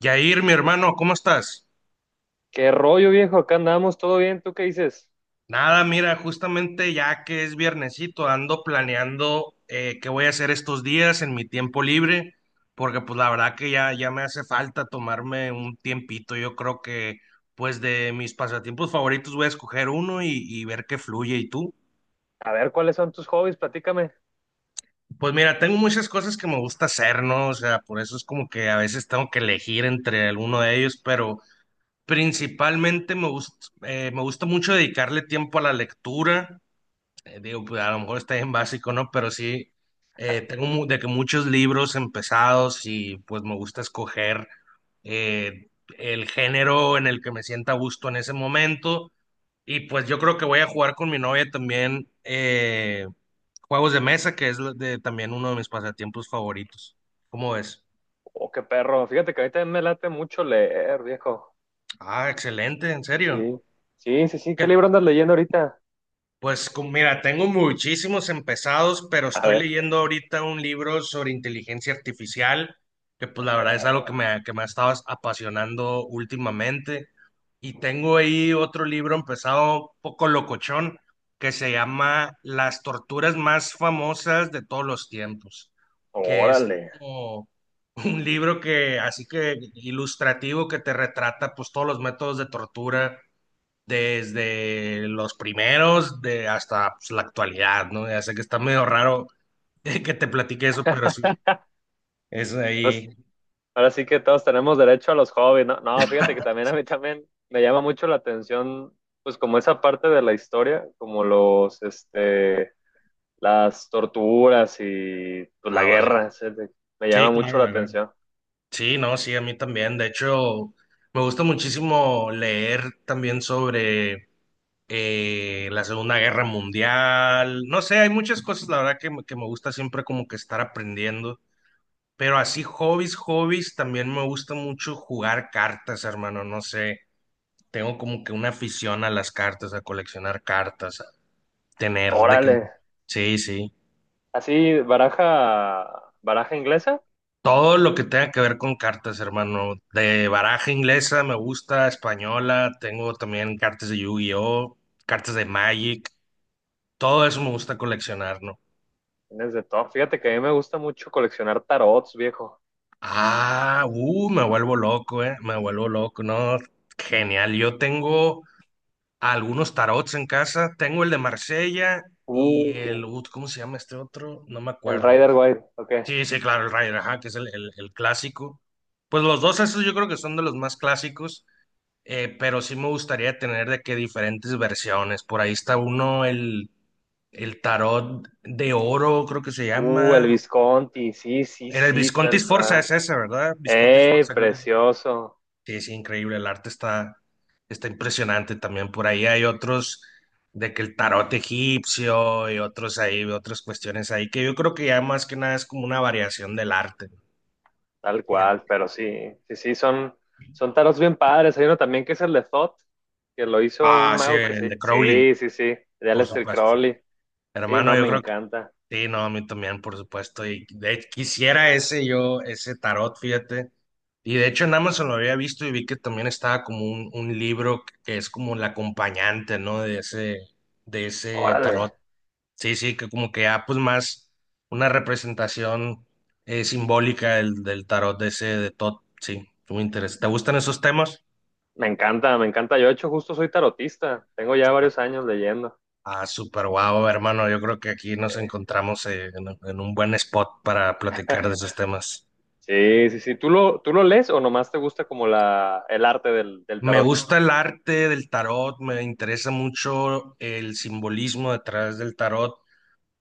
Yair, mi hermano, ¿cómo estás? ¿Qué rollo, viejo? Acá andamos, ¿todo bien? ¿Tú qué dices? Nada, mira, justamente ya que es viernesito, ando planeando qué voy a hacer estos días en mi tiempo libre, porque pues la verdad que ya me hace falta tomarme un tiempito. Yo creo que pues de mis pasatiempos favoritos voy a escoger uno y ver qué fluye. ¿Y tú? A ver, ¿cuáles son tus hobbies? Platícame. Pues mira, tengo muchas cosas que me gusta hacer, ¿no? O sea, por eso es como que a veces tengo que elegir entre alguno de ellos, pero principalmente me gusta mucho dedicarle tiempo a la lectura. Digo, pues, a lo mejor está en básico, ¿no? Pero sí, tengo mu- de que muchos libros empezados y pues me gusta escoger eh, el género en el que me sienta a gusto en ese momento. Y pues yo creo que voy a jugar con mi novia también juegos de mesa, que es lo de, también uno de mis pasatiempos favoritos. ¿Cómo ves? Oh, qué perro. Fíjate que ahorita me late mucho leer, viejo. Ah, excelente, en serio. Sí, sí, sí, sí. ¿Qué ¿Qué libro andas leyendo ahorita? Pues mira, tengo muchísimos empezados, pero A estoy ver, leyendo ahorita un libro sobre inteligencia artificial, que qué pues la verdad es algo que perro. Que me ha estado apasionando últimamente. Y tengo ahí otro libro empezado un poco locochón, que se llama Las torturas más famosas de todos los tiempos, que es Órale. como un libro que, así que ilustrativo, que te retrata pues todos los métodos de tortura desde los primeros de hasta pues, la actualidad, ¿no? Ya sé que está medio raro que te platique eso, pero sí, es Pues ahí. ahora sí que todos tenemos derecho a los hobbies, ¿no? No, fíjate que también a mí también me llama mucho la atención, pues como esa parte de la historia, como las torturas y pues, la Ah, vale. guerra. ¿Sí? Me Sí, llama claro, mucho la la verdad. atención. Sí, no, sí, a mí también. De hecho, me gusta muchísimo leer también sobre la Segunda Guerra Mundial. No sé, hay muchas cosas, la verdad, que, que me gusta siempre como que estar aprendiendo. Pero así, hobbies, hobbies, también me gusta mucho jugar cartas, hermano. No sé. Tengo como que una afición a las cartas, a coleccionar cartas, a tener de Órale. que... Sí, sí. Así, baraja inglesa, Todo lo que tenga que ver con cartas, hermano. De baraja inglesa me gusta, española, tengo también cartas de Yu-Gi-Oh, cartas de Magic, todo eso me gusta coleccionar, ¿no? tienes de todo. Fíjate que a mí me gusta mucho coleccionar tarots, viejo. Ah, me vuelvo loco, no, genial. Yo tengo algunos tarots en casa, tengo el de Marsella y el, Uh, ¿cómo se llama este otro? No me el acuerdo. Rider Waite, ok. Sí, sí, claro, el Ryder, ajá, que es el clásico. Pues los dos, esos yo creo que son de los más clásicos, pero sí me gustaría tener de que diferentes versiones. Por ahí está uno, el tarot de oro, creo que se El llama. Visconti, sí, sí, Era el sí, Visconti tal Sforza, cual. es ese, ¿verdad? Visconti ¡Ey, Sforza, creo que es. precioso! Sí, sí, increíble, el arte está impresionante también. Por ahí hay otros de que el tarot egipcio y otros ahí, otras cuestiones ahí, que yo creo que ya más que nada es como una variación del arte. Tal cual, pero sí, sí, sí, son, son tarots bien padres. Hay uno también que es el de Thoth, que lo hizo un Ah, sí, mago que el de se... Crowley, Sí, sí, sí, de por Aleister supuesto. Crowley. Sí, Hermano, no, yo me creo que encanta. sí, no, a mí también, por supuesto. Y de hecho, quisiera ese yo, ese tarot, fíjate. Y de hecho en Amazon lo había visto y vi que también estaba como un libro que es como el acompañante, ¿no? De ese Órale. tarot. Sí, sí, que como que ya pues más una representación simbólica del tarot de ese de Todd. Sí, muy interesante. ¿Te gustan esos temas? Me encanta, me encanta. Yo, de hecho, justo soy tarotista. Tengo ya varios años leyendo. Ah, súper guau, hermano. Yo creo que aquí nos Eh, encontramos en un buen spot para platicar de esos temas. sí, sí, sí. Tú lo lees o nomás te gusta como el arte del Me tarot? gusta el arte del tarot, me interesa mucho el simbolismo detrás del tarot,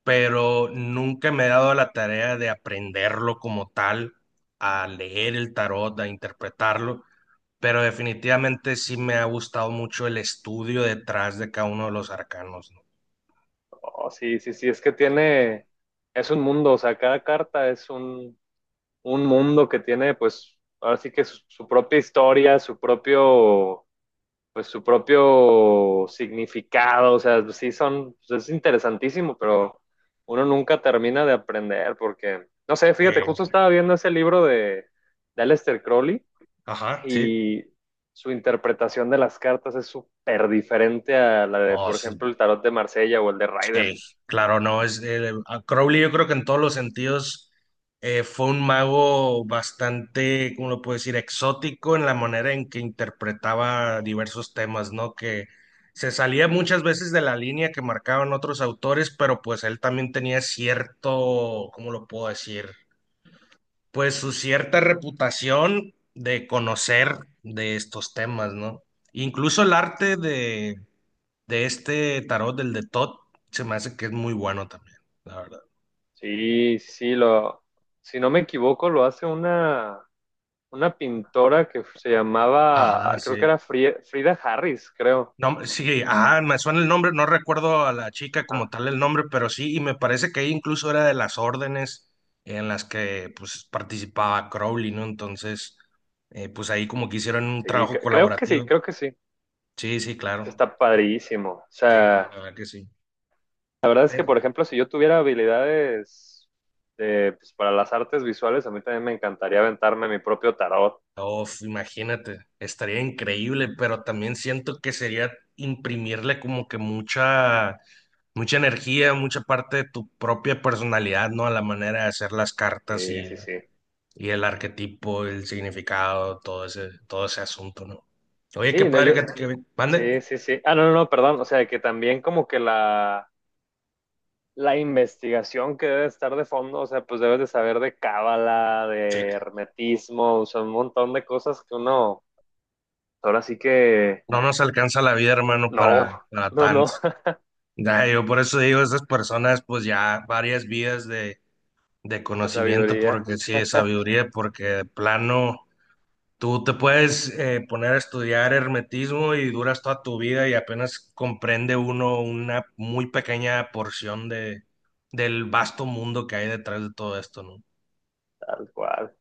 pero nunca me he dado la tarea de aprenderlo como tal, a leer el tarot, a interpretarlo, pero definitivamente sí me ha gustado mucho el estudio detrás de cada uno de los arcanos, ¿no? Oh, sí, sí, sí. Es que tiene, es un mundo. O sea, cada carta es un mundo que tiene, pues, ahora sí que su propia historia, su propio, pues su propio significado, o sea, sí son, pues, es interesantísimo, pero uno nunca termina de aprender porque, no sé, fíjate, Eh, justo estaba viendo ese libro de Aleister Crowley ajá, sí. y su interpretación de las cartas es súper diferente a la de, No, por ejemplo, el tarot de Marsella o el de Rider. Sí, claro, no, es a Crowley yo creo que en todos los sentidos fue un mago bastante, ¿cómo lo puedo decir?, exótico en la manera en que interpretaba diversos temas, ¿no? Que se salía muchas veces de la línea que marcaban otros autores, pero pues él también tenía cierto, ¿cómo lo puedo decir? Pues su cierta reputación de conocer de estos temas, ¿no? Incluso el arte de este tarot, del de Todd, se me hace que es muy bueno también, la verdad. Sí, sí, lo, si no me equivoco, lo hace una pintora que se llamaba, Ajá, creo que sí. era Frida Harris, creo. No, sí, ajá, me suena el nombre, no recuerdo a la chica como Ajá. tal el nombre, pero sí, y me parece que ella incluso era de las órdenes en las que pues participaba Crowley, ¿no? Entonces, pues ahí como que hicieron un trabajo Creo que sí, colaborativo. creo que sí. Sí, sí, claro. Está padrísimo. O Sí, no, la sea, verdad que sí. la verdad es que, por ejemplo, si yo tuviera habilidades de, pues, para las artes visuales, a mí también me encantaría aventarme mi propio tarot. Uf, imagínate, estaría increíble, pero también siento que sería imprimirle como que mucha, mucha energía, mucha parte de tu propia personalidad, ¿no? A la manera de hacer las cartas Sí, y, sí, sí. y el arquetipo, el significado, todo ese asunto, ¿no? Oye, qué Sí, no, padre yo. que, mande. Sí, sí, sí. Ah, no, no, no, perdón. O sea, que también como que la investigación que debe estar de fondo, o sea, pues debes de saber de cábala, Sí, de hermetismo, o sea, un montón de cosas que uno, ahora sí que no nos alcanza la vida, hermano, para, no, para no, tanto. no, Ya, yo por eso digo, esas personas, pues ya varias vidas de, de de conocimiento, sabiduría, porque sí, de sabiduría, porque de plano tú te puedes poner a estudiar hermetismo y duras toda tu vida y apenas comprende uno una muy pequeña porción del vasto mundo que hay detrás de todo esto, ¿no? tal cual.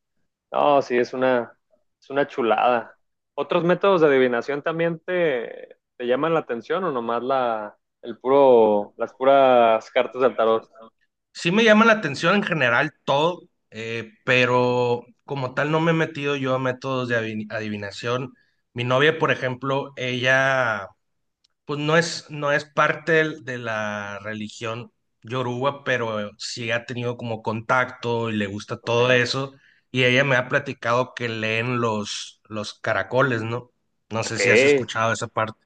No, sí, es una chulada. ¿Otros métodos de adivinación también te llaman la atención o nomás el puro, las puras cartas del tarot? Sí me llama la atención en general todo, pero como tal no me he metido yo a métodos de adivinación. Mi novia, por ejemplo, ella pues no es parte de la religión yoruba, pero sí ha tenido como contacto y le gusta Ok, todo eso. Y ella me ha platicado que leen los caracoles, ¿no? No sé ok. si has escuchado esa parte.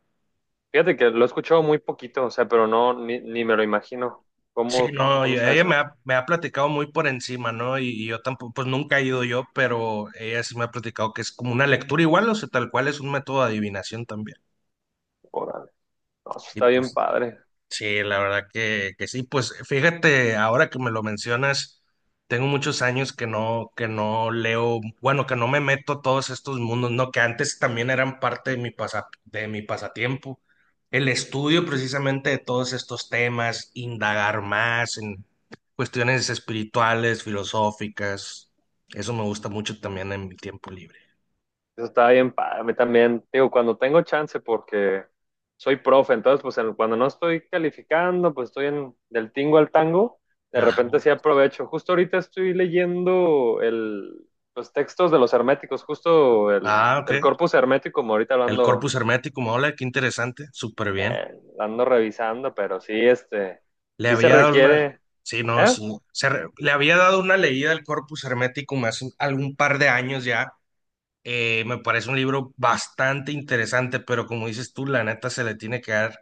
Fíjate que lo he escuchado muy poquito, o sea, pero no, ni, ni me lo imagino. Sí, ¿Cómo, no, y cómo está ella me eso? ha, me ha platicado muy por encima, ¿no? Y yo tampoco, pues nunca he ido yo, pero ella sí me ha platicado que es como una lectura igual, o sea, tal cual es un método de adivinación también. Órale. No, eso Y está bien pues, padre. sí, la verdad que, sí. Pues fíjate, ahora que me lo mencionas, tengo muchos años que no leo, bueno, que no me meto a todos estos mundos, ¿no? Que antes también eran parte de mi pasatiempo. El estudio precisamente de todos estos temas, indagar más en cuestiones espirituales, filosóficas. Eso me gusta mucho también en mi tiempo libre. Eso estaba bien padre. A mí también, digo, cuando tengo chance, porque soy profe, entonces, pues cuando no estoy calificando, pues estoy en, del tingo al tango, de Ajá. repente sí aprovecho. Justo ahorita estoy leyendo los textos de los herméticos, justo Ah, ok. el corpus hermético, como ahorita El Corpus Hermeticum, hola, qué interesante, súper bien. Lo ando revisando, pero sí, este, Le sí se había dado una, requiere, sí, no, ¿eh? sí, le había dado una leída al Corpus Hermeticum hace algún par de años ya. Me parece un libro bastante interesante, pero como dices tú, la neta se le tiene que dar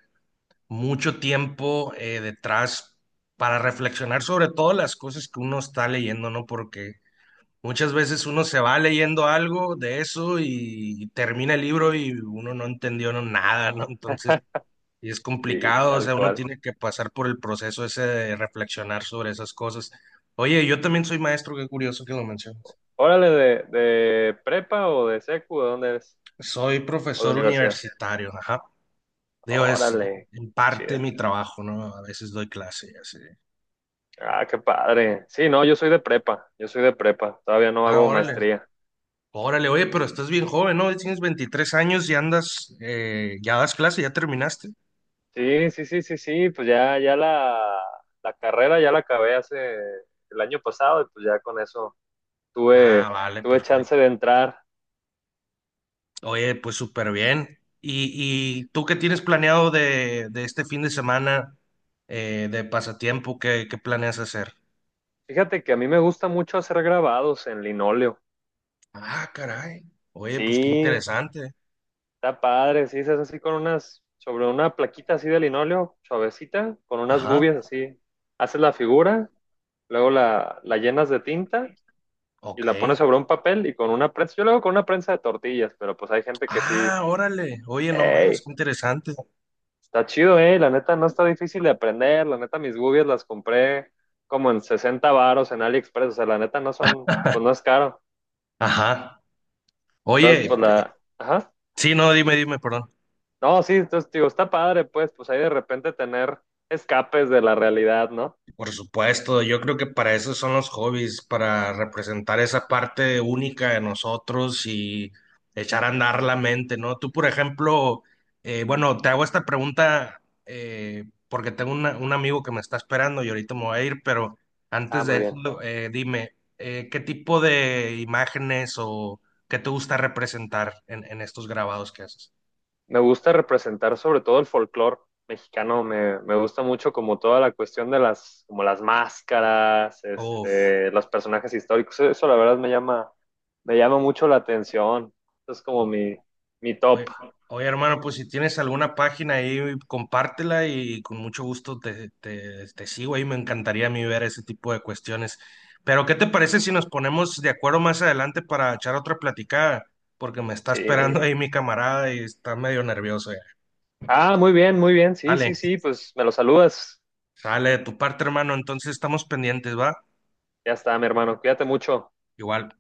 mucho tiempo detrás para reflexionar sobre todas las cosas que uno está leyendo, ¿no? Porque muchas veces uno se va leyendo algo de eso y, termina el libro y uno no entendió no, nada, ¿no? Entonces y es Y complicado, o tal sea, uno cual. tiene que pasar por el proceso ese de reflexionar sobre esas cosas. Oye, yo también soy maestro, qué curioso que lo mencionas. Órale, de prepa o de secu, ¿de dónde es? Soy ¿O de profesor universidad? universitario, ajá. Digo, es Órale, en parte chido. mi trabajo, ¿no? A veces doy clase y así. Ah, qué padre. Sí, no, yo soy de prepa, yo soy de prepa, todavía no Ah, hago órale, maestría. órale, oye, pero estás bien joven, ¿no? Tienes 23 años y andas, ya das clase, ya terminaste. Sí, sí, sí, sí, sí, pues ya, la carrera ya la acabé hace el año pasado y pues ya con eso Ah, tuve, vale, tuve chance perfecto. de entrar. Oye, pues súper bien. ¿Y tú qué tienes planeado de este fin de semana de pasatiempo? ¿Qué planeas hacer? Fíjate que a mí me gusta mucho hacer grabados en linóleo. Ah, caray. Oye, pues qué Sí, interesante. está padre, sí, se hace así con unas, sobre una plaquita así de linóleo, suavecita, con unas Ajá, gubias así. Haces la figura, luego la llenas de tinta y ok. la pones sobre un papel y con una prensa, yo lo hago con una prensa de tortillas, pero pues hay gente que sí, Ah, órale. Oye, no más, hey, qué interesante. está chido, la neta no está difícil de aprender, la neta mis gubias las compré como en 60 varos en AliExpress, o sea, la neta no son, pues no es caro, Ajá. entonces Oye, pues la, ajá, sí, no, dime, dime, perdón. no, sí, entonces digo, está padre, pues, pues ahí de repente tener escapes de la realidad, ¿no? Por supuesto, yo creo que para eso son los hobbies, para representar esa parte única de nosotros y echar a andar la mente, ¿no? Tú, por ejemplo, bueno, te hago esta pregunta porque tengo un amigo que me está esperando y ahorita me voy a ir, pero Ah, antes de muy bien. eso, dime, ¿qué tipo de imágenes o qué te gusta representar en, estos grabados que haces? Me gusta representar sobre todo el folclore mexicano, me gusta mucho como toda la cuestión de las, como las máscaras, Uf, este, los personajes históricos, eso la verdad me llama mucho la atención, eso es como mi top, oye, oye, hermano, pues si tienes alguna página ahí, compártela y con mucho gusto te sigo ahí. Me encantaría a mí ver ese tipo de cuestiones. Pero, ¿qué te parece si nos ponemos de acuerdo más adelante para echar otra platicada? Porque me está esperando sí. ahí mi camarada y está medio nervioso ya. Ah, muy bien, sí, sí, Dale, sí, pues me lo saludas, sale de tu parte, hermano. Entonces estamos pendientes, ¿va? ya está, mi hermano, cuídate mucho. Igual.